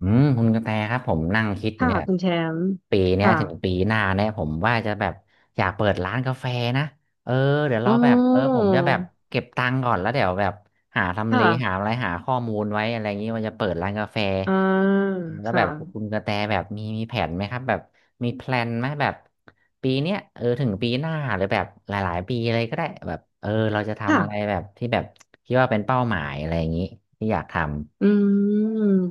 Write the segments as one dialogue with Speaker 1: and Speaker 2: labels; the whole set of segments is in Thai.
Speaker 1: อืมคุณกระแตครับผมนั่งคิดอยู่
Speaker 2: ค่ะ
Speaker 1: เนี่ย
Speaker 2: คุณแชมป์
Speaker 1: ปีเนี้ย
Speaker 2: ค่ะ
Speaker 1: ถึงปีหน้าเนี่ยผมว่าจะแบบอยากเปิดร้านกาแฟนะเออเดี๋ยว
Speaker 2: อ๋
Speaker 1: เรา
Speaker 2: อ
Speaker 1: แบบเออผมจะแบบเก็บตังค์ก่อนแล้วเดี๋ยวแบบหาทำเล
Speaker 2: ค่ะ
Speaker 1: หาอะไรหาข้อมูลไว้อะไรอย่างนี้ว่าจะเปิดร้านกาแฟ
Speaker 2: อ่า
Speaker 1: เออแล้วแบ
Speaker 2: ค่ะ
Speaker 1: บคุณกระแตแบบมีแผนไหมครับแบบมีแพลนไหมแบบปีเนี้ยเออถึงปีหน้าหรือแบบหลายๆปีเลยก็ได้แบบเออเราจะทำอะไร
Speaker 2: ค่ะ
Speaker 1: แบบที่แบบคิดว่าเป็นเป้าหมายอะไรอย่างนี้ที่อยากทำ
Speaker 2: อืม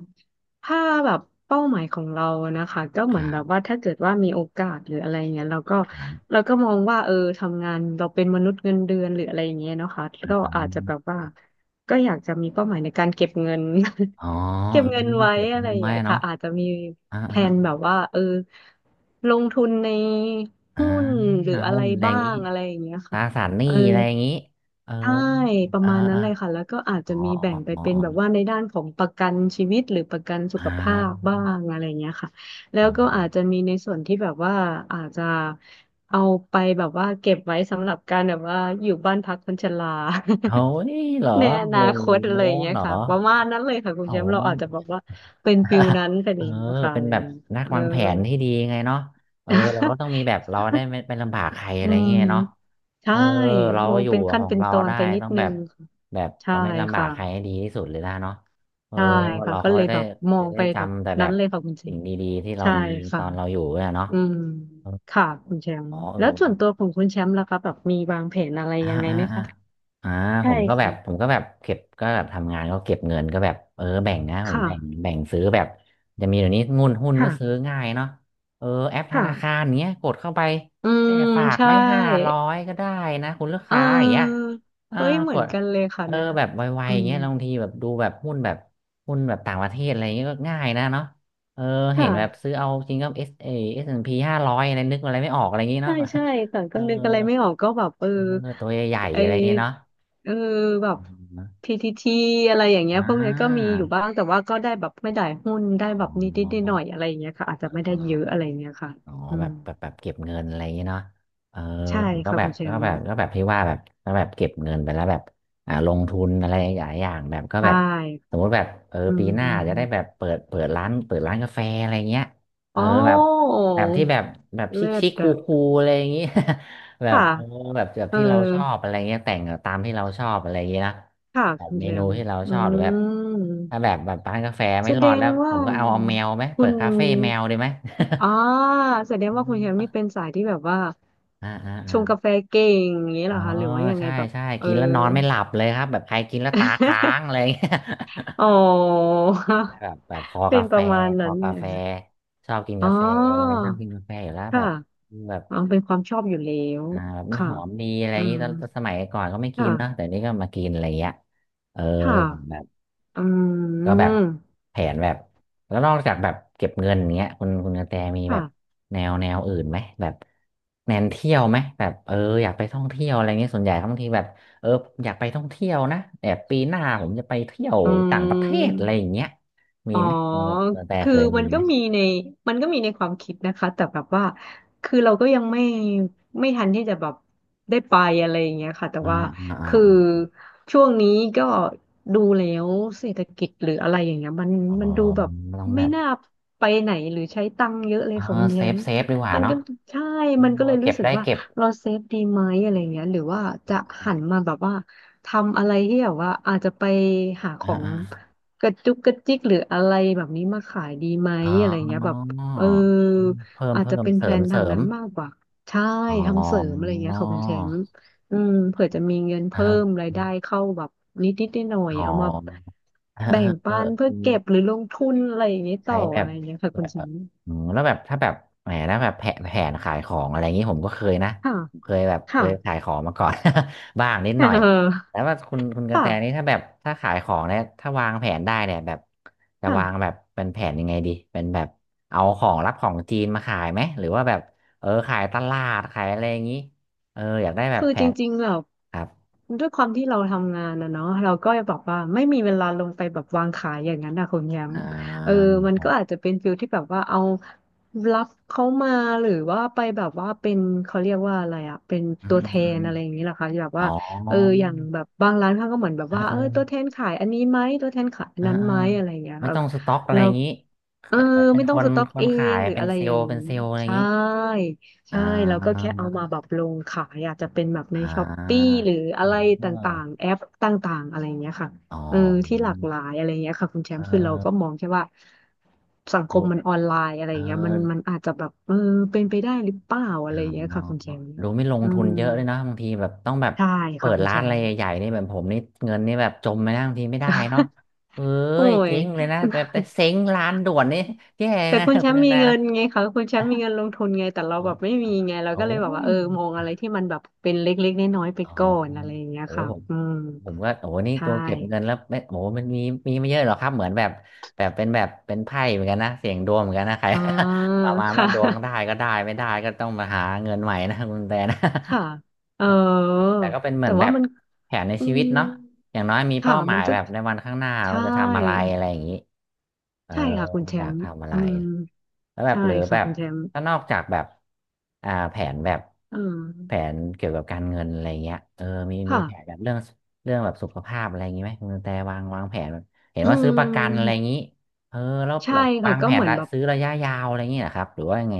Speaker 2: ถ้าแบบเป้าหมายของเรานะคะก็
Speaker 1: ค
Speaker 2: เหมือน
Speaker 1: รั
Speaker 2: แบบ
Speaker 1: บ
Speaker 2: ว่าถ้าเกิดว่ามีโอกาสหรืออะไรเงี้ยเราก็
Speaker 1: ครั
Speaker 2: เราก็มองว่าทำงานเราเป็นมนุษย์เงินเดือนหรืออะไรอย่างเงี้ยเนาะค่ะแลก็อาจจะแบบ
Speaker 1: บ
Speaker 2: ว่าก็อยากจะมีเป้าหมายในการเก็บเงิน
Speaker 1: อ๋อ
Speaker 2: เก็บ
Speaker 1: เออ
Speaker 2: เงินไว้
Speaker 1: เก็บ
Speaker 2: อะไร
Speaker 1: เงิ
Speaker 2: อ
Speaker 1: น
Speaker 2: ย่าง
Speaker 1: ไว้
Speaker 2: เงี้ย
Speaker 1: เนาะ
Speaker 2: ค่ะอาจจะมี
Speaker 1: อ่า
Speaker 2: แพล
Speaker 1: อ่า
Speaker 2: นแบบว่าลงทุนใน
Speaker 1: อ่า
Speaker 2: หุ้นหรือ
Speaker 1: นา
Speaker 2: อะ
Speaker 1: หุ้
Speaker 2: ไร
Speaker 1: นอะไรอ
Speaker 2: บ้า
Speaker 1: ย่างงี้
Speaker 2: งอะไรอย่างเงี้ย
Speaker 1: ต
Speaker 2: ค่ะ
Speaker 1: ราสารหนี้
Speaker 2: อ
Speaker 1: อะไรอย่างงี้ เออ
Speaker 2: ใช่ประ
Speaker 1: อ่า
Speaker 2: มาณนั้น
Speaker 1: อ่า
Speaker 2: เลยค่ะแล้วก็อาจ
Speaker 1: อ๋
Speaker 2: จะ
Speaker 1: อ
Speaker 2: มีแบ่
Speaker 1: อ๋อ
Speaker 2: งไป
Speaker 1: อ๋อ
Speaker 2: เป็น
Speaker 1: อ๋อ
Speaker 2: แบบว่าในด้านของประกันชีวิตหรือประกันสุ
Speaker 1: อ่
Speaker 2: ขภาพ
Speaker 1: า
Speaker 2: บ้างอะไรอย่างเงี้ยค่ะแล้
Speaker 1: เออ
Speaker 2: วก็อาจจะมีในส่วนที่แบบว่าอาจจะเอาไปแบบว่าเก็บไว้สำหรับการแบบว่าอยู่บ้านพักคนชรา
Speaker 1: เฮ้ยเหรอ
Speaker 2: ในอนา
Speaker 1: โอ้โ
Speaker 2: คตอะไร
Speaker 1: ห
Speaker 2: อย่างเงี้ย
Speaker 1: เหรอ
Speaker 2: ค่ะประมาณนั้นเลยค่ะคุณ
Speaker 1: โอ้
Speaker 2: แช
Speaker 1: โห
Speaker 2: มป์เราอาจจะบอกว่าเป็นฟิลนั้นไปน
Speaker 1: เออ
Speaker 2: เองว่าค่ะ
Speaker 1: เป็
Speaker 2: อะ
Speaker 1: น
Speaker 2: ไรอ
Speaker 1: แบ
Speaker 2: ย่า
Speaker 1: บ
Speaker 2: งเงี้ย
Speaker 1: นัก
Speaker 2: เออ
Speaker 1: วางแผนที่ดีไงเนาะเออเราก็ต้องมีแบบเราได้ ไม่ไปลำบากใครอะ
Speaker 2: อื
Speaker 1: ไร
Speaker 2: ม
Speaker 1: เงี้ยเนาะเอ
Speaker 2: ใช่
Speaker 1: อเรา
Speaker 2: มอง
Speaker 1: อยู่
Speaker 2: เป็นขั้
Speaker 1: ข
Speaker 2: น
Speaker 1: อง
Speaker 2: เป็น
Speaker 1: เรา
Speaker 2: ตอน
Speaker 1: ได้
Speaker 2: ไปนิด
Speaker 1: ต้อง
Speaker 2: นึ
Speaker 1: แบบ
Speaker 2: งค่ะ
Speaker 1: แบบ
Speaker 2: ใช่
Speaker 1: เราไม่ลำบา
Speaker 2: ค่ะ
Speaker 1: กใครให้ดีที่สุดเลยนะเนาะเออ
Speaker 2: ใช่ค่ะ
Speaker 1: เรา
Speaker 2: ก็
Speaker 1: เขา
Speaker 2: เลย
Speaker 1: ได้
Speaker 2: แบบมอ
Speaker 1: จะ
Speaker 2: ง
Speaker 1: ได้
Speaker 2: ไปแบบ
Speaker 1: จำแต่แบ
Speaker 2: นั้น
Speaker 1: บ
Speaker 2: เลยค่ะคุณแช
Speaker 1: สิ่
Speaker 2: ม
Speaker 1: ง
Speaker 2: ป์
Speaker 1: ดีๆที่เรา
Speaker 2: ใช่
Speaker 1: มีต
Speaker 2: ค่ะ
Speaker 1: อนเราอยู่เนี่ยเนาะ
Speaker 2: อืม
Speaker 1: เออ
Speaker 2: ค่ะคุณแชมป์
Speaker 1: อ๋อเออ
Speaker 2: แล้วส่วนตัวของคุณแชมป์ล่ะคะแบบมีวางแผนอะไร
Speaker 1: อ่า
Speaker 2: ยังไง
Speaker 1: อ่า
Speaker 2: ไหม
Speaker 1: อ่า
Speaker 2: คะ
Speaker 1: อ่าผ
Speaker 2: ใช่
Speaker 1: มก็แบ
Speaker 2: ค่ะ
Speaker 1: บผมก็แบบเก็บก็แบบทำงานก็เก็บเงินก็แบบเออแบ่งนะผมแบ่ง
Speaker 2: ค่ะ
Speaker 1: แบ่งซื้อแบบจะมีเดี๋ยวนี้งุนหุ้นก็ซื้อ
Speaker 2: ค่ะ
Speaker 1: ง่ายเนาะเออแอปธ
Speaker 2: ค่ะ
Speaker 1: นาคารเนี้ยกดเข้าไป
Speaker 2: อื
Speaker 1: เนี่ย
Speaker 2: ม
Speaker 1: ฝาก
Speaker 2: ใช่
Speaker 1: ไม่ห้าร้อยก็ได้นะคุณลูก
Speaker 2: เ
Speaker 1: ค้าอย่างเงี้ย
Speaker 2: ออ
Speaker 1: เออ
Speaker 2: เฮ้ยเห
Speaker 1: ก
Speaker 2: มือน
Speaker 1: ด
Speaker 2: กันเลยค่ะ
Speaker 1: เออ
Speaker 2: เนี่ย
Speaker 1: แบบไว
Speaker 2: อื
Speaker 1: ๆอย่าง
Speaker 2: ม
Speaker 1: เงี้ยแล้วบางทีแบบดูแบบหุ้นแบบหุ้นแบบต่างประเทศอะไรเงี้ยก็ง่ายนะเนาะเออ
Speaker 2: ค
Speaker 1: เห็นแบบ
Speaker 2: ่ะ
Speaker 1: ซื้อเอาจริงก็S&P 500อะไรนึกอะไรไม่ออกอะไรเงงี้ย
Speaker 2: ใช่
Speaker 1: เนาะ
Speaker 2: ใช่แต่
Speaker 1: เอ
Speaker 2: ก็
Speaker 1: อ
Speaker 2: นึกอะไรไม่ออกก็แบบ
Speaker 1: เออตัวใหญ่
Speaker 2: ไอ
Speaker 1: ๆอะไรอย่างเงี้ยเนาะ
Speaker 2: เออแบบ
Speaker 1: อม
Speaker 2: พีทีทีอะไรอย่างเงี้
Speaker 1: อ่
Speaker 2: ยพวกเนี้ยก็มี
Speaker 1: า
Speaker 2: อยู่บ้างแต่ว่าก็ได้แบบไม่ได้หุ้นได้
Speaker 1: อ
Speaker 2: แบบนิดหน่อยๆอะไรอย่างเงี้ยค่ะอาจ
Speaker 1: อ
Speaker 2: จะไม่
Speaker 1: ๋
Speaker 2: ได้
Speaker 1: อ
Speaker 2: เยอะอะไรอย่างเงี้ยค่ะ
Speaker 1: อ๋อ
Speaker 2: อื
Speaker 1: แบ
Speaker 2: ม
Speaker 1: บแบบแบบเก็บเงินอะไรอย่างเงี้ยเนาะเออ
Speaker 2: ใช่
Speaker 1: ผมก็
Speaker 2: ค่ะ
Speaker 1: แบ
Speaker 2: คุ
Speaker 1: บ
Speaker 2: ณแช
Speaker 1: ก็
Speaker 2: ม
Speaker 1: แบ
Speaker 2: ป์
Speaker 1: บก็แบบที่ว่าแบบก็แบบเก็บเงินไปแล้วแบบอ่าลงทุนอะไรหลายอย่างแบบก็
Speaker 2: ใช่
Speaker 1: แบบสมมติแบบเออ
Speaker 2: อื
Speaker 1: ปีหน้าจะได้แบ
Speaker 2: ม
Speaker 1: บเปิดร้านกาแฟอะไรเงี้ยเอ
Speaker 2: อ๋
Speaker 1: อ
Speaker 2: อ
Speaker 1: แบบแบบที่แบบแบบชิค
Speaker 2: เลิศ
Speaker 1: ชิคคู
Speaker 2: อะ
Speaker 1: คูอะไรอย่างงี้ แบบ
Speaker 2: ค่ะ
Speaker 1: เออแบบแบบ
Speaker 2: เออ
Speaker 1: ที่เราชอบอะไรเงี้ยแต่งตามที่เราชอบอะไรอย่างงี้นะ
Speaker 2: ค่ะ
Speaker 1: แบบ
Speaker 2: คุณ
Speaker 1: เม
Speaker 2: แช
Speaker 1: นู
Speaker 2: มป์
Speaker 1: ที่เรา
Speaker 2: อื
Speaker 1: ชอบหรือแบบถ้าแบ
Speaker 2: ม
Speaker 1: บแบบร้านกาแฟไม่
Speaker 2: แส
Speaker 1: ร
Speaker 2: ด
Speaker 1: อด
Speaker 2: ง
Speaker 1: แล้วผ
Speaker 2: ว่า
Speaker 1: มก็เอาเอาแมวไหม
Speaker 2: คุ
Speaker 1: เปิ
Speaker 2: ณ
Speaker 1: ดคาเฟ่แมวดีไหม
Speaker 2: อ๋อแสด
Speaker 1: อ
Speaker 2: งว่าคุ
Speaker 1: ม
Speaker 2: ณแฮมนี่
Speaker 1: อ่า
Speaker 2: เป็นสายที่แบบว่า
Speaker 1: อ่าอ่า
Speaker 2: ชงกาแฟเก่งอย่างนี้เห
Speaker 1: อ๋
Speaker 2: ร
Speaker 1: อ
Speaker 2: อคะหรือว่ายังไง
Speaker 1: ใช่
Speaker 2: แบบ
Speaker 1: ใช่
Speaker 2: เออ
Speaker 1: กินแล้วนอนไม่หลับเลยครับแบบใครกินแล้วตาค้างอะไรอย่างเงี้ย
Speaker 2: อ๋อ
Speaker 1: แบบ แบบคอ
Speaker 2: เป็
Speaker 1: กา
Speaker 2: นป
Speaker 1: แฟ
Speaker 2: ระมาณ
Speaker 1: ค
Speaker 2: นั้
Speaker 1: อ
Speaker 2: น
Speaker 1: กา
Speaker 2: เนี่ย
Speaker 1: แฟ
Speaker 2: ค่ะ
Speaker 1: ชอบกิน
Speaker 2: อ๋อ
Speaker 1: กาแฟชอบกินกาแฟอยู่แล้วแบ
Speaker 2: ค่ะ
Speaker 1: บแบบ
Speaker 2: อ๋อเป็นความชอบอยู่แล้ว
Speaker 1: อ่าแบบมัน
Speaker 2: ค่ะ
Speaker 1: หอมดีอะไรอ
Speaker 2: อื
Speaker 1: ย่างงี้
Speaker 2: ม
Speaker 1: ตอนสมัยก่อนก็ไม่กิ
Speaker 2: ค่ะ
Speaker 1: นเนาะแต่นี่ก็มากินอะไรอย่างเงี้ยเออ
Speaker 2: ค่ะอื
Speaker 1: ก็แบบ
Speaker 2: ม
Speaker 1: แผนแบบแล้วนอกจากแบบเก็บเงินอย่างเงี้ยคุณกระแตมีแบบ
Speaker 2: ค่ะ
Speaker 1: แนวอื่นไหมแบบแนนเที่ยวไหมแบบเอออยากไปท่องเที่ยวอะไรเงี้ยส่วนใหญ่บางทีแบบเอออยากไปท่องเที่ยวนะแต่ปีหน้าผมจะไปเที่ยว
Speaker 2: อื
Speaker 1: ต่างประเทศอะไรอย่า
Speaker 2: ม
Speaker 1: งเงี้ยมี
Speaker 2: อ๋อ
Speaker 1: ไหมคุณกระแต
Speaker 2: คื
Speaker 1: เค
Speaker 2: อ
Speaker 1: ยมี
Speaker 2: มัน
Speaker 1: ไห
Speaker 2: ก็
Speaker 1: ม
Speaker 2: มีในมันก็มีในความคิดนะคะแต่แบบว่าคือเราก็ยังไม่ไม่ทันที่จะแบบได้ไปอะไรอย่างเงี้ยค่ะแต่
Speaker 1: อ่า
Speaker 2: ว่า
Speaker 1: อ่า
Speaker 2: คือ
Speaker 1: อา
Speaker 2: ช่วงนี้ก็ดูแล้วเศรษฐกิจหรืออะไรอย่างเงี้ยมัน
Speaker 1: อ๋อ
Speaker 2: มันดูแบบ
Speaker 1: ต้องแบ
Speaker 2: ไม่
Speaker 1: บ
Speaker 2: น่าไปไหนหรือใช้ตังค์เยอะเล
Speaker 1: เอ
Speaker 2: ย
Speaker 1: อ
Speaker 2: ค่ะคุณแช
Speaker 1: เซฟ
Speaker 2: มป์
Speaker 1: เซฟดีกว่า
Speaker 2: มัน
Speaker 1: เนาะ
Speaker 2: ก็ใช่
Speaker 1: เอ
Speaker 2: มันก็
Speaker 1: อ
Speaker 2: เลย
Speaker 1: เก็
Speaker 2: รู้
Speaker 1: บ
Speaker 2: สึก
Speaker 1: ได้
Speaker 2: ว่า
Speaker 1: เก็บ
Speaker 2: เราเซฟดีไหมอะไรเงี้ยหรือว่าจะหันมาแบบว่าทำอะไรที่แบบว่าอาจจะไปหาข
Speaker 1: อ่า
Speaker 2: อง
Speaker 1: อ่า
Speaker 2: กระจุกกระจิกหรืออะไรแบบนี้มาขายดีไหม
Speaker 1: อ๋
Speaker 2: อะไรเงี้ยแบบ
Speaker 1: อ
Speaker 2: เออ
Speaker 1: เพิ่ม
Speaker 2: อาจจะ
Speaker 1: เพิ่ม
Speaker 2: เป็น
Speaker 1: เส
Speaker 2: แพล
Speaker 1: ริม
Speaker 2: น
Speaker 1: เส
Speaker 2: ทาง
Speaker 1: ริม
Speaker 2: นั้นมากกว่าใช่
Speaker 1: อ๋อ
Speaker 2: ทำเสริมอะไรเงี้ยค่ะคุณแชมป์อืมเผื่อจะมีเงิน
Speaker 1: เอ
Speaker 2: เพิ่
Speaker 1: อ
Speaker 2: มรายได้เข้าแบบนิดนิดหน่อย
Speaker 1: อ๋อ
Speaker 2: ๆเอามาแบ่ง
Speaker 1: เออเออ
Speaker 2: ปันเพื่
Speaker 1: เอ
Speaker 2: อ
Speaker 1: อ
Speaker 2: เก็บหรือลงทุนอะไรอย่างเงี้ย
Speaker 1: ใช้
Speaker 2: ต่อ
Speaker 1: แบ
Speaker 2: อะ
Speaker 1: บ
Speaker 2: ไรเงี้ยค่ะ
Speaker 1: แบ
Speaker 2: คุณแช
Speaker 1: บ
Speaker 2: มป์
Speaker 1: อืมแล้วแบบถ้าแบบแหมแล้วแบบแผนขายของอะไรอย่างนี้ผมก็เคยนะ
Speaker 2: ค่ะ
Speaker 1: ผมเคยแบบเค
Speaker 2: ค่ะ
Speaker 1: ยขายของมาก่อน บ้างนิด ห
Speaker 2: เ
Speaker 1: น่อย
Speaker 2: อ
Speaker 1: แล้ว
Speaker 2: อ
Speaker 1: ว่าคุณกระ
Speaker 2: ค่ะ
Speaker 1: แตนี่ถ้าแบบถ้าขายของเนี่ยถ้าวางแผนได้เนี่ยแบบจะวางแบ
Speaker 2: ค่ะ
Speaker 1: บเป็นแผนยังไงดีเป็นแบบเอาของรับของจีนมาขายไหมหรือว่าแบบเออขายตลาดขายอะไรอย่างนี้เอออยากได้แบบ
Speaker 2: คือ
Speaker 1: แผ
Speaker 2: จ
Speaker 1: น
Speaker 2: ริงๆแบบ
Speaker 1: ครับ
Speaker 2: ด้วยความที่เราทำงานนะเนาะเราก็จะบอกว่าไม่มีเวลาลงไปแบบวางขายอย่างนั้นนะคุณแยม
Speaker 1: อ่า
Speaker 2: เออมั น
Speaker 1: ผ
Speaker 2: ก็
Speaker 1: ม
Speaker 2: อาจจะเป็นฟิลที่แบบว่าเอารับเขามาหรือว่าไปแบบว่าเป็นเขาเรียกว่าอะไรอะเป็น
Speaker 1: อืม
Speaker 2: ตั
Speaker 1: อื
Speaker 2: ว
Speaker 1: ม
Speaker 2: แท
Speaker 1: อื
Speaker 2: น
Speaker 1: ม
Speaker 2: อะไรอย่างนี้แหละคะที่แบบ
Speaker 1: อ๋อ
Speaker 2: ว่าอย่างแบบบางร้านเขาก็เหมือนแบบ
Speaker 1: เออ
Speaker 2: ว่า
Speaker 1: เอ
Speaker 2: ตัว
Speaker 1: อ
Speaker 2: แทนขายอันนี้ไหมตัวแทนขายอั
Speaker 1: เอ
Speaker 2: น
Speaker 1: อ
Speaker 2: นั้น
Speaker 1: เออ
Speaker 2: ไหมอะไรอย่างเงี้ย
Speaker 1: ไม่
Speaker 2: เรา
Speaker 1: ต้องสต็อกอะไร
Speaker 2: เรา
Speaker 1: อย่างนี้
Speaker 2: เออ
Speaker 1: เอ่อเป็น
Speaker 2: ไม่
Speaker 1: ค
Speaker 2: ต้อง
Speaker 1: น
Speaker 2: สต็อก
Speaker 1: คน
Speaker 2: เอ
Speaker 1: ขา
Speaker 2: ง
Speaker 1: ย
Speaker 2: หรือ
Speaker 1: เป็น
Speaker 2: อะไร
Speaker 1: เซล
Speaker 2: อย่า
Speaker 1: ล์
Speaker 2: ง
Speaker 1: เป็
Speaker 2: นี้
Speaker 1: นเซลล์อะไรอย่าง
Speaker 2: ใช่
Speaker 1: นี้อ่
Speaker 2: ใช่แล้วก็
Speaker 1: า
Speaker 2: แค่เอามาแบบลงขายอาจจะเป็นแบบใน
Speaker 1: อ่า
Speaker 2: ช้อปปี้หรืออะ
Speaker 1: อ่
Speaker 2: ไรต่า
Speaker 1: า
Speaker 2: งๆแอปต่างๆอะไรอย่างเงี้ยค่ะ
Speaker 1: อ๋อ
Speaker 2: เออที่หลากหลายอะไรอย่างเงี้ยค่ะคุณแช
Speaker 1: เอ
Speaker 2: ม
Speaker 1: อ
Speaker 2: ป์คือเราก็มอง
Speaker 1: เ
Speaker 2: แค่ว่า
Speaker 1: อ
Speaker 2: สัง
Speaker 1: อ
Speaker 2: ค
Speaker 1: ดู
Speaker 2: มมันออนไลน์อะไร
Speaker 1: เอ
Speaker 2: อ
Speaker 1: อ
Speaker 2: ย่างเงี้ยมันอาจจะแบบเป็นไปได้หรือเปล่าอะ
Speaker 1: อ๋
Speaker 2: ไรอย่างเงี้ยค่ะ
Speaker 1: อ
Speaker 2: คุณแชมป์
Speaker 1: ดูไม่ลง
Speaker 2: อื
Speaker 1: ทุน
Speaker 2: ม
Speaker 1: เยอะเลยนะบางทีแบบต้องแบบ
Speaker 2: ใช่
Speaker 1: เปิ
Speaker 2: ค่ะ
Speaker 1: ด
Speaker 2: คุณ
Speaker 1: ร้า
Speaker 2: แช
Speaker 1: นอะไร
Speaker 2: มป์
Speaker 1: ใหญ่ๆนี่แบบผมนี่เงินนี่แบบจมไปนะบางทีไม่ได้เนาะ เอ้
Speaker 2: โอ้
Speaker 1: ย
Speaker 2: ย
Speaker 1: เจ๊งเลยนะแบบแต่เซ้งร้านด่วนนี่แย่
Speaker 2: แต่
Speaker 1: นะ
Speaker 2: คุณ แช
Speaker 1: คุณ
Speaker 2: ม
Speaker 1: ก
Speaker 2: ป์
Speaker 1: ระ
Speaker 2: มี
Speaker 1: แต
Speaker 2: เงิ
Speaker 1: นะ
Speaker 2: นไงคะคุณแชมป์มีเงินลงทุนไงแต่เรา
Speaker 1: เอา
Speaker 2: แบบไม่มีไงเรา
Speaker 1: โอ้
Speaker 2: ก็เลยแบบว่า
Speaker 1: ย
Speaker 2: มองอะไรที่มันแบบเป็นเล็กๆน้อยๆไป
Speaker 1: อ๋อ
Speaker 2: ก่อนอะไรอย่างเงี้ย
Speaker 1: โอ้ย
Speaker 2: ค่ะ
Speaker 1: ผม
Speaker 2: อืม
Speaker 1: ผมก็โอ้นี่
Speaker 2: ใช่
Speaker 1: ตัวเก็บเงินแล้วไม่โอ้มันมีไม่เยอะหรอกครับเหมือนแบบแบบเป็นแบบเป็นไพ่เหมือนกันนะเสี่ยงดวงเหมือนกันนะใคร
Speaker 2: อ๋อ
Speaker 1: ประมาณว่า
Speaker 2: ค่ะ
Speaker 1: ดวงได้ก็ได้ไม่ได้ก็ต้องมาหาเงินใหม่นะคุณกระแตน
Speaker 2: ค่ะเอ
Speaker 1: ะ
Speaker 2: อ
Speaker 1: แต่ก็เป็นเหมื
Speaker 2: แต่
Speaker 1: อนแบ
Speaker 2: ว่า
Speaker 1: บ
Speaker 2: มัน
Speaker 1: แผนใน
Speaker 2: อื
Speaker 1: ชีวิ
Speaker 2: ม
Speaker 1: ตเนาะอย่างน้อยมี
Speaker 2: ค่ะ
Speaker 1: เป้าหมา
Speaker 2: มั
Speaker 1: ย
Speaker 2: นก็
Speaker 1: แบบในวันข้างหน้า
Speaker 2: ใช่
Speaker 1: เราจะทำอะไรอะไรอย่างนี้เออ
Speaker 2: ใช่ค่ะคุณแช
Speaker 1: อยาก
Speaker 2: มป์
Speaker 1: ทำอะไร
Speaker 2: อืม
Speaker 1: แล้วแบบ
Speaker 2: ใช่
Speaker 1: หรือแบ
Speaker 2: ค่ะ
Speaker 1: บ
Speaker 2: คุณแชมป์
Speaker 1: ถ้านอกจากแบบแผนแบบ
Speaker 2: อืม
Speaker 1: แผนเกี่ยวกับการเงินอะไรเงี้ยเออมีแผน
Speaker 2: ค่ะ
Speaker 1: แบบเรื่องเรื่องแบบสุขภาพอะไรอย่างงี้ไหมคุณกระแต่วางแผนแบบเห็น
Speaker 2: อื
Speaker 1: ว่าซื้อประกันอะไรอ
Speaker 2: ม
Speaker 1: ย่างงี้เออแล้ว
Speaker 2: ใช่
Speaker 1: แบบวา
Speaker 2: ค่ะ
Speaker 1: ง
Speaker 2: ก็
Speaker 1: แผ
Speaker 2: เห
Speaker 1: น
Speaker 2: มือน
Speaker 1: ละ
Speaker 2: แบบ
Speaker 1: ซื้อระยะยาวอะไรอย่างงี้นะครับหรือว่ายังไง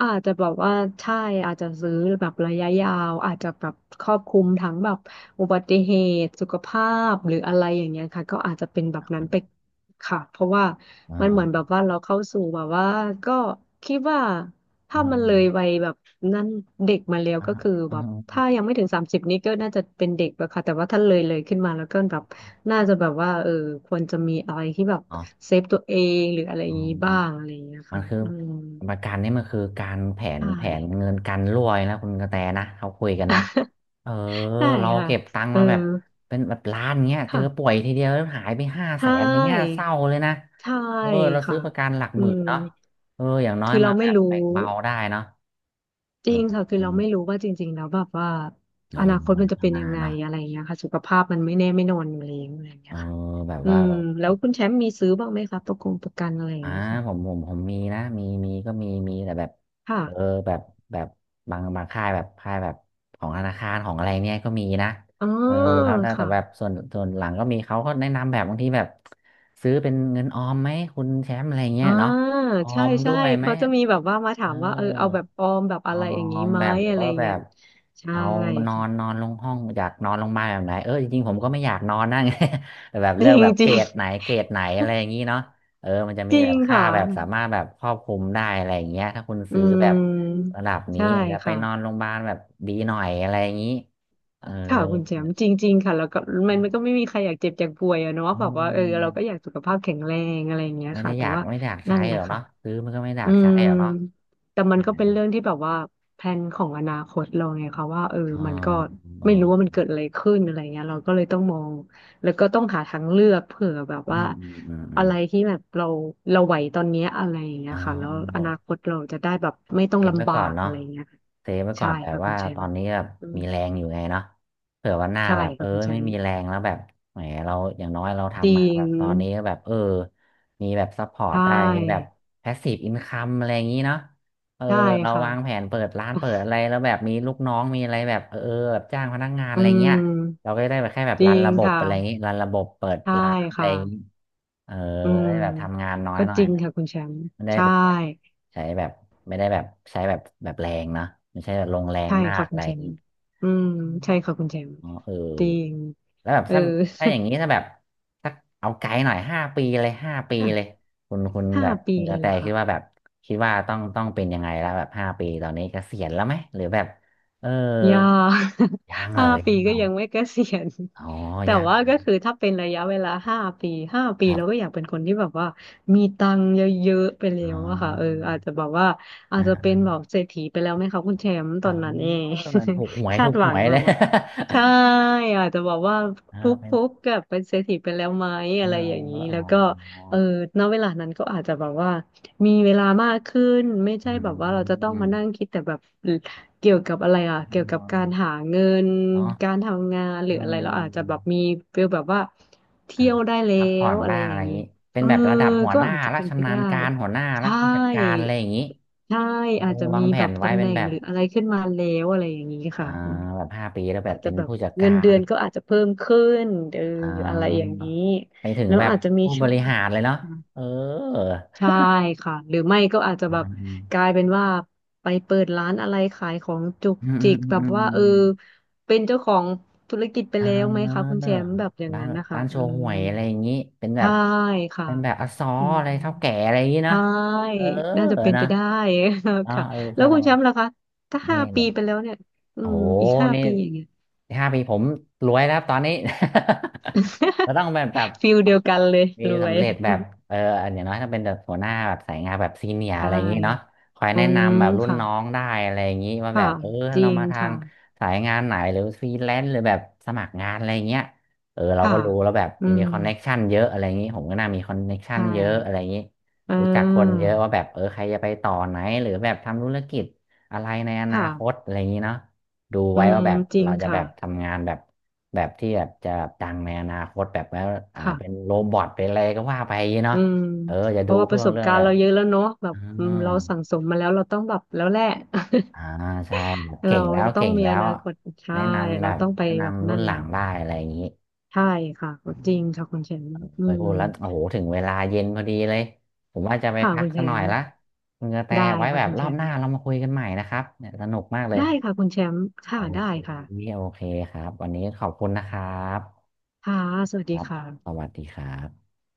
Speaker 2: อาจจะแบบว่าใช่อาจจะซื้อแบบระยะยาวอาจจะแบบครอบคลุมทั้งแบบอุบัติเหตุสุขภาพหรืออะไรอย่างเงี้ยค่ะก็อาจจะเป็นแบบนั้นไปค่ะเพราะว่า
Speaker 1: อ๋
Speaker 2: มันเหมือนแบ
Speaker 1: อ
Speaker 2: บว่าเราเข้าสู่แบบว่าก็คิดว่า
Speaker 1: อ๋อ
Speaker 2: ถ้ามันเลยวัยแบบนั้นเด็กมาแล้ว
Speaker 1: อ๋อ
Speaker 2: ก็คือ
Speaker 1: อ๋
Speaker 2: แบบถ้ายังไม่ถึง30นี้ก็น่าจะเป็นเด็กแล้วค่ะแต่ว่าถ้าเลยขึ้นมาแล้วก็แบบน่าจะแบบว่าเออควรจะมีอะไรที่แบบ
Speaker 1: อ
Speaker 2: เซฟตัวเองหรืออะไรอ
Speaker 1: อ๋อ
Speaker 2: ย่างงี้บ้างอะไรอย่างเงี้ย
Speaker 1: มัน
Speaker 2: ค่ะ
Speaker 1: คือ
Speaker 2: อืม
Speaker 1: ประกันนี่มันคือการแผ
Speaker 2: ใช
Speaker 1: นแผน
Speaker 2: ่
Speaker 1: เงินกันรั่วนะคุณกระแตนะเขาคุยกันนะเออ
Speaker 2: ใช่
Speaker 1: เรา
Speaker 2: ค่ะ
Speaker 1: เก็บตังค์
Speaker 2: เออ
Speaker 1: มาแบบเป็นแบบล้านเงี้ยเจอป่ว
Speaker 2: ค่ะ
Speaker 1: ยทีเดียวแล้วหายไปห้าแส
Speaker 2: ใช่
Speaker 1: นอย่างเงี้ยเศร้าเลยนะ
Speaker 2: ใช่
Speaker 1: เออเราซื้
Speaker 2: ค่ะ
Speaker 1: อประกันหลัก
Speaker 2: อื
Speaker 1: หมื่น
Speaker 2: ม
Speaker 1: เนาะเอออย่างน้อย
Speaker 2: คือ
Speaker 1: มา
Speaker 2: เรา
Speaker 1: แบ
Speaker 2: ไม่
Speaker 1: บ
Speaker 2: รู้
Speaker 1: แบ่งเบาได้เนาะ
Speaker 2: จ
Speaker 1: อ
Speaker 2: ริงค่ะคือ
Speaker 1: ื
Speaker 2: เรา
Speaker 1: ม
Speaker 2: ไม่รู้ว่าจริงๆแล้วแบบว่า
Speaker 1: เออ
Speaker 2: อนาคต
Speaker 1: มั
Speaker 2: มั
Speaker 1: น
Speaker 2: นจะ
Speaker 1: ข้าง
Speaker 2: เป็น
Speaker 1: หน้า
Speaker 2: ยังไง
Speaker 1: เนาะ
Speaker 2: อะไรอย่างเงี้ยค่ะสุขภาพมันไม่แน่ไม่นอนอยู่แล้วอะไรอย่าง
Speaker 1: เอ
Speaker 2: เงี้
Speaker 1: อ
Speaker 2: ยค่ะ
Speaker 1: แบบ
Speaker 2: อื
Speaker 1: ว่า
Speaker 2: ม
Speaker 1: เรา
Speaker 2: แล้วคุณแชมป์มีซื้อบ้างไหมคะประกงประกันอะไรอย่าง
Speaker 1: อ่า
Speaker 2: เงี้ยค่ะ
Speaker 1: ผมมีนะมีก็มีแต่แบบ
Speaker 2: ค่ะ
Speaker 1: เออแบบแบบบางค่ายแบบค่ายแบบของธนาคารของอะไรเนี่ยก็มีนะ
Speaker 2: อ๋อ
Speaker 1: เออเขาแต่
Speaker 2: ค่ะ
Speaker 1: แบบส่วนหลังก็มีเขาก็แนะนำแบบบางทีแบบซื้อเป็นเงินออมไหมคุณแชมป์อะไรเงี้
Speaker 2: อ่า
Speaker 1: ยเนาะออ
Speaker 2: ใช่
Speaker 1: มด้
Speaker 2: ใช่
Speaker 1: วยไหม
Speaker 2: เขาจะมีแบบว่ามา
Speaker 1: เอ
Speaker 2: ถา
Speaker 1: อ
Speaker 2: มว่าเออเอาแบบออมแบบ
Speaker 1: อ๋
Speaker 2: อะ
Speaker 1: อ
Speaker 2: ไรอย่างงี้ไหม
Speaker 1: แบบหรือ
Speaker 2: อะไร
Speaker 1: ว่าแบ
Speaker 2: เงี้ย
Speaker 1: บ
Speaker 2: ใช่
Speaker 1: เอานอ
Speaker 2: ค่ะ
Speaker 1: นนอนลงห้องอยากนอนลงมาแบบไหนเออจริงๆผมก็ไม่อยากนอนนะ ไงแต่แบบ
Speaker 2: จ
Speaker 1: เลื
Speaker 2: ริ
Speaker 1: อกแบ
Speaker 2: ง
Speaker 1: บ
Speaker 2: จ
Speaker 1: เก
Speaker 2: ริ
Speaker 1: ร
Speaker 2: ง
Speaker 1: ดไหนอะไรอย่างนี้เนาะเออมันจะ
Speaker 2: จ
Speaker 1: มี
Speaker 2: ริ
Speaker 1: แบ
Speaker 2: ง
Speaker 1: บค่า
Speaker 2: ค่ะ
Speaker 1: แบบสามารถแบบครอบคลุมได้อะไรอย่างเงี้ยถ้าคุณ
Speaker 2: อื
Speaker 1: ซื้อแบบ
Speaker 2: ม
Speaker 1: ระดับนี้
Speaker 2: ใช่
Speaker 1: อาจจะไปนอน
Speaker 2: ค่ะ
Speaker 1: โรงพยาบาลแบบดีหน่อยอะไรอย่างนี้เออ
Speaker 2: ค่ะคุณแชมป์จริงๆค่ะแล้วก็มันก็ไม่มีใครอยากเจ็บอยากป่วยอะเนาะ
Speaker 1: อื
Speaker 2: แบบว่า
Speaker 1: ม
Speaker 2: เออเราก็อยากสุขภาพแข็งแรงอะไรอย่างเงี้ย
Speaker 1: ไม่ได้
Speaker 2: ค่ะ
Speaker 1: อ
Speaker 2: แต่
Speaker 1: ยาก
Speaker 2: ว่า
Speaker 1: ใช้
Speaker 2: นั่นแห
Speaker 1: หร
Speaker 2: ละ
Speaker 1: อก
Speaker 2: ค่ะ
Speaker 1: เนาะซื้อมันก็ไม่ได้อ
Speaker 2: อื
Speaker 1: ยากใช้
Speaker 2: ม
Speaker 1: หรอกเนาะ
Speaker 2: แต่มันก็เป็นเรื่องที่แบบว่าแพลนของอนาคตเราไงคะว่าเออ
Speaker 1: อ๋อ
Speaker 2: มันก็
Speaker 1: อ๋อ
Speaker 2: ไม่รู้ว่ามันเกิดอะไรขึ้นอะไรเงี้ยเราก็เลยต้องมองแล้วก็ต้องหาทางเลือกเผื่อแบบ
Speaker 1: อื
Speaker 2: ว่า
Speaker 1: มอืมอืมอื
Speaker 2: อะ
Speaker 1: ม
Speaker 2: ไรที่แบบเราไหวตอนเนี้ยอะไรอย่างเงี้ย
Speaker 1: อ๋อ
Speaker 2: ค่ะแล้วอนาคตเราจะได้แบบไม่ต้อ
Speaker 1: เซ
Speaker 2: ง
Speaker 1: ฟไว้
Speaker 2: ลำบา
Speaker 1: ก่อน
Speaker 2: ก
Speaker 1: เนาะ
Speaker 2: อะไรเงี้ยค่ะ
Speaker 1: เซฟไว้ก่อ
Speaker 2: ใช่
Speaker 1: นแบบ
Speaker 2: ค่ะคุ
Speaker 1: ว่า
Speaker 2: ณแช
Speaker 1: ตอ
Speaker 2: ม
Speaker 1: น
Speaker 2: ป์
Speaker 1: นี้แบบ
Speaker 2: อืม
Speaker 1: มีแรงอยู่ไงเนาะเผื่อวันหน้า
Speaker 2: ใช่
Speaker 1: แบบเออ
Speaker 2: ค่ะคุณแช
Speaker 1: ไม่
Speaker 2: มป์
Speaker 1: มีแรงแล้วแบบแหมเราอย่างน้อยเรา
Speaker 2: จริ
Speaker 1: ทำมาแบ
Speaker 2: ง
Speaker 1: บตอนนี้ก็แบบเออมีแบบซัพพอร์
Speaker 2: ใช
Speaker 1: ตได้มีแบบ
Speaker 2: ่
Speaker 1: แพสซีฟอินคัมอะไรอย่างนี้เนาะเออ
Speaker 2: ใช่
Speaker 1: เรา
Speaker 2: ค่ะ
Speaker 1: วางแผนเปิดร้านเปิดอะไรแล้วแบบมีลูกน้องมีอะไรแบบเออแบบจ้างพนักงาน
Speaker 2: อื
Speaker 1: อะไรเงี้ย เรา
Speaker 2: ม
Speaker 1: ก็จะได้แบบแค่แบบ
Speaker 2: จ
Speaker 1: รั
Speaker 2: ริ
Speaker 1: น
Speaker 2: ง
Speaker 1: ระบบ
Speaker 2: ค่ะ
Speaker 1: อะไรอย่างนี้รันระบบเปิด
Speaker 2: ใช่
Speaker 1: ร้านอะไร
Speaker 2: ค่ะ
Speaker 1: อย่างนี้เออ
Speaker 2: อืม
Speaker 1: ได้แบบทำงานน้อย
Speaker 2: ก็
Speaker 1: หน่อ
Speaker 2: จ
Speaker 1: ย
Speaker 2: ริง
Speaker 1: แบบ
Speaker 2: ค่ะคุณแชมป์
Speaker 1: ไม่ได้
Speaker 2: ใช่
Speaker 1: แบบใช้แบบไม่ได้แบบใช้แบบแบบแรงเนอะไม่ใช่แบบลงแรง
Speaker 2: ใช่
Speaker 1: มาก
Speaker 2: ค่ะ
Speaker 1: อะ
Speaker 2: คุ
Speaker 1: ไร
Speaker 2: ณ
Speaker 1: อ
Speaker 2: แช
Speaker 1: ย่าง
Speaker 2: มป์
Speaker 1: นี้
Speaker 2: อืม
Speaker 1: อ๋อ
Speaker 2: ใช่ค่ะคุณแชมป์
Speaker 1: อ๋อเออ
Speaker 2: จริง
Speaker 1: แล้วแบบ
Speaker 2: เออ
Speaker 1: ถ้าอย่างนี้ถ้าแบบถ้าเอาไกลหน่อยห้าปีเลยคุณ
Speaker 2: ห้า
Speaker 1: แบบ
Speaker 2: ปี
Speaker 1: คุณก
Speaker 2: เล
Speaker 1: ระ
Speaker 2: ย
Speaker 1: แต
Speaker 2: แหละ
Speaker 1: คิ
Speaker 2: ค่ะ
Speaker 1: ดว่าแบบคิดว่าต้องเป็นยังไงแล้วแบบห้าปีตอนนี้เกษียณแล้วไหมหรือแบบเออ
Speaker 2: ยาก
Speaker 1: ยัง เล
Speaker 2: ห้า
Speaker 1: ย
Speaker 2: ปี
Speaker 1: ยังเหร
Speaker 2: ก็
Speaker 1: อ
Speaker 2: ยังไม่เกษียณ
Speaker 1: อ๋อ
Speaker 2: แต่
Speaker 1: ยัง
Speaker 2: ว่าก็คือถ้าเป็นระยะเวลาห้าปีห้าปี
Speaker 1: ครั
Speaker 2: เราก็
Speaker 1: บ
Speaker 2: อยากเป็นคนที่แบบว่ามีตังค์เยอะๆไปแล้
Speaker 1: อ๋อ
Speaker 2: วอะค่ะเอออาจจะแบบว่าอาจจะเป็น
Speaker 1: อ่า
Speaker 2: แบบเศรษฐีไปแล้วไหมคะคุณแชมป์ต
Speaker 1: อ๋
Speaker 2: อนนั้นเอ
Speaker 1: อ
Speaker 2: ง
Speaker 1: ถูกหว ย
Speaker 2: คาดหวังแบ
Speaker 1: เล
Speaker 2: บ
Speaker 1: ย
Speaker 2: ว่าใช่อาจจะบอกว่า
Speaker 1: เอ
Speaker 2: ฟุ
Speaker 1: อ
Speaker 2: ก
Speaker 1: เป็น
Speaker 2: ฟุกกับเป็นเศรษฐีไปแล้วไหม
Speaker 1: เออ
Speaker 2: อะไรอย่างนี้
Speaker 1: อ๋
Speaker 2: แล้วก็
Speaker 1: อ
Speaker 2: เออณเวลานั้นก็อาจจะแบบว่ามีเวลามากขึ้นไม่
Speaker 1: อื
Speaker 2: ใช่แบบว่าเราจะต้อง
Speaker 1: ม
Speaker 2: มานั่งคิดแต่แบบ เกี่ยวกับอะไรอ่ะเกี่ยว
Speaker 1: น
Speaker 2: กับ
Speaker 1: อน
Speaker 2: การหาเงิน
Speaker 1: เนาะ
Speaker 2: การทำงานห
Speaker 1: เ
Speaker 2: รืออะไรเราอาจ
Speaker 1: อ
Speaker 2: จะ
Speaker 1: อ
Speaker 2: แบบมีฟีลแบบว่า
Speaker 1: อ่า
Speaker 2: เที่ยวได้แล้
Speaker 1: พักผ่อ
Speaker 2: ว
Speaker 1: น
Speaker 2: อะ
Speaker 1: บ้า
Speaker 2: ไร
Speaker 1: ง
Speaker 2: อ
Speaker 1: อะไร
Speaker 2: ย่าง
Speaker 1: อย่าง
Speaker 2: นี้
Speaker 1: นี้เป็น
Speaker 2: เออ
Speaker 1: แบบระดับหัว
Speaker 2: ก็
Speaker 1: หน้า
Speaker 2: อาจจะ
Speaker 1: ละ
Speaker 2: เป็นไป
Speaker 1: ชำนา
Speaker 2: ได้
Speaker 1: ญการหัวหน้าละ
Speaker 2: ใช่
Speaker 1: ผู้จัดการอะไรอย่างนี้
Speaker 2: ใช่
Speaker 1: เออ
Speaker 2: อาจจะ
Speaker 1: วา
Speaker 2: มี
Speaker 1: งแผ
Speaker 2: แบ
Speaker 1: น
Speaker 2: บ
Speaker 1: ไว้
Speaker 2: ตำแห
Speaker 1: เป็น
Speaker 2: น่ง
Speaker 1: แบบ
Speaker 2: หรืออะไรขึ้นมาแล้วอะไรอย่างนี้
Speaker 1: อ่า
Speaker 2: ค่ะอืม
Speaker 1: แบบห้าปีแล้วแบ
Speaker 2: อา
Speaker 1: บ
Speaker 2: จจะ
Speaker 1: เป็น
Speaker 2: แบบ
Speaker 1: ผู้จัด
Speaker 2: เงิ
Speaker 1: กา
Speaker 2: นเดื
Speaker 1: ร
Speaker 2: อนก็อาจจะเพิ่มขึ้นเออ
Speaker 1: อ่
Speaker 2: อะไรอย่า
Speaker 1: า
Speaker 2: งนี้
Speaker 1: ไปถึง
Speaker 2: แล้ว
Speaker 1: แบบ
Speaker 2: อาจจะมี
Speaker 1: ผู้
Speaker 2: ช่
Speaker 1: บ
Speaker 2: อง
Speaker 1: ริหารเลยเนาะเออ
Speaker 2: ใช่ค่ะหรือไม่ก็อาจจะ
Speaker 1: อื
Speaker 2: แบบกลา
Speaker 1: ม
Speaker 2: ยเป็นว่าไปเปิดร้านอะไรขายของจุก
Speaker 1: อืมอื
Speaker 2: จิ
Speaker 1: ม
Speaker 2: กแบ
Speaker 1: อืมอื
Speaker 2: บว่าเออ
Speaker 1: ม
Speaker 2: เป็นเจ้าของธุรกิจไป
Speaker 1: เออ
Speaker 2: แล้วไหมคะ
Speaker 1: ร้า
Speaker 2: คุณ
Speaker 1: น
Speaker 2: แชมป์แบบอย่างนั้นนะคะ
Speaker 1: โช
Speaker 2: อื
Speaker 1: ห่
Speaker 2: ม
Speaker 1: วยอะไรอย่างนี้เป็นแบ
Speaker 2: ใช่
Speaker 1: บ
Speaker 2: ค่ะ
Speaker 1: เป็นแบบอซอ
Speaker 2: อืม
Speaker 1: อะไรเท่าแก่อะไรอย่างนี้เนอะ
Speaker 2: ใช่
Speaker 1: เออ
Speaker 2: น่าจะเป็น
Speaker 1: นะ
Speaker 2: ไปได้
Speaker 1: อ นาะ
Speaker 2: ค่ะ
Speaker 1: เออ
Speaker 2: แล้ว
Speaker 1: ถ้า
Speaker 2: คุ
Speaker 1: เรา
Speaker 2: ณแชมป์ล่ะคะถ้า
Speaker 1: เนี่
Speaker 2: ห้า
Speaker 1: ย
Speaker 2: ปีไปแล้วเนี่ยอื
Speaker 1: โอ้
Speaker 2: ม
Speaker 1: โห
Speaker 2: อีกห้า
Speaker 1: นี่
Speaker 2: ปีอย่างเงี้ย
Speaker 1: ห้าปีผมรวยแล้วครับตอนนี้ เราต้องแบบแบบ
Speaker 2: ฟิลเดียวกันเลย
Speaker 1: มี
Speaker 2: รว
Speaker 1: สำ
Speaker 2: ย
Speaker 1: เร็จแบบเอออย่างน้อยถ้าเป็นแบบหัวหน้าแบบสายงานแบบซีเนียอะ
Speaker 2: ใช่
Speaker 1: ไรอย่างนี้เนาะคอย
Speaker 2: อื
Speaker 1: แนะ
Speaker 2: ม
Speaker 1: นำแบบรุ่น
Speaker 2: ค่ะ
Speaker 1: น้องได้อะไรอย่างนี้ว่าแบ
Speaker 2: ค่ะ
Speaker 1: บเออ
Speaker 2: จริ
Speaker 1: เรา
Speaker 2: ง
Speaker 1: มาทา
Speaker 2: ค่ะ
Speaker 1: งสายงานไหนหรือฟรีแลนซ์หรือแบบสมัครงานอะไรอย่างเงี้ยเออเรา
Speaker 2: ค่ะ
Speaker 1: ก็รู้แล้วแบบ
Speaker 2: อื
Speaker 1: มี
Speaker 2: ม
Speaker 1: คอนเน็กชันเยอะอะไรอย่างนี้ผมก็น่ามีคอนเน็กชัน
Speaker 2: ใช่
Speaker 1: เยอะอะไรอย่างนี้
Speaker 2: อ่
Speaker 1: รู้จักคนเย
Speaker 2: า
Speaker 1: อะว่าแบบเออใครจะไปต่อไหนหรือแบบทำธุรกิจอะไรในอนา
Speaker 2: ค่ะ
Speaker 1: คตอะไรอย่างนี้เนาะ ดู
Speaker 2: อื
Speaker 1: ไว้
Speaker 2: ม
Speaker 1: ว่าแบบ
Speaker 2: จริง
Speaker 1: เราจะแบ
Speaker 2: ค่ะ
Speaker 1: บทำงานแบบแบบที่แบบจะดังในอนาคตแบบว่าเป็น
Speaker 2: ค่ะ
Speaker 1: โรบอทเป็นอะไรก็ว่าไปเนาะ
Speaker 2: อืม
Speaker 1: เอออย่า
Speaker 2: เพ
Speaker 1: ดู
Speaker 2: ราะว่าป
Speaker 1: เพื่
Speaker 2: ระ
Speaker 1: อ
Speaker 2: สบ
Speaker 1: เรื่อง
Speaker 2: การ
Speaker 1: แบ
Speaker 2: ณ์
Speaker 1: บ
Speaker 2: เราเยอะแล้วเนาะแบบ
Speaker 1: อ่า
Speaker 2: อืมเราสั่งสมมาแล้ว เราต้องแบบแล้วแหละ
Speaker 1: อ่าใช่แบบ
Speaker 2: เรา
Speaker 1: เก่งแล้ว
Speaker 2: จะต้องมีอนาคตใช่
Speaker 1: แนะนำแบ
Speaker 2: เรา
Speaker 1: บ
Speaker 2: ต้องไป
Speaker 1: แนะ
Speaker 2: แบบ
Speaker 1: นำรุ่
Speaker 2: นั่
Speaker 1: น
Speaker 2: น
Speaker 1: หลั
Speaker 2: แล้
Speaker 1: ง
Speaker 2: ว
Speaker 1: ได้อะไรอย่างนี้
Speaker 2: ใช่ค่ะ
Speaker 1: อื
Speaker 2: จริง
Speaker 1: ม
Speaker 2: ค่ะคุณแชมป์อื
Speaker 1: ไปพู
Speaker 2: ม
Speaker 1: ดแล้วโอ้โหถึงเวลาเย็นพอดีเลยผมว่าจะไป
Speaker 2: ค่ะ
Speaker 1: พั
Speaker 2: คุ
Speaker 1: ก
Speaker 2: ณแช
Speaker 1: สักหน่อย
Speaker 2: มป์
Speaker 1: ละคุณกระแต
Speaker 2: ได้
Speaker 1: ไว้
Speaker 2: ค่ะ
Speaker 1: แบบ
Speaker 2: คุณ
Speaker 1: ร
Speaker 2: แช
Speaker 1: อบ
Speaker 2: ม
Speaker 1: หน้า
Speaker 2: ป์
Speaker 1: เรามาคุยกันใหม่นะครับเนี่ยสนุกมากเลย
Speaker 2: ได้ค่ะคุณแชมป์
Speaker 1: โอ
Speaker 2: ค่ะได้
Speaker 1: เค
Speaker 2: ค่ะ
Speaker 1: โอเคครับวันนี้ขอบคุณนะครับ
Speaker 2: ค่ะสวัส
Speaker 1: ค
Speaker 2: ดี
Speaker 1: รับ
Speaker 2: ค่ะ
Speaker 1: สวัสดีครับ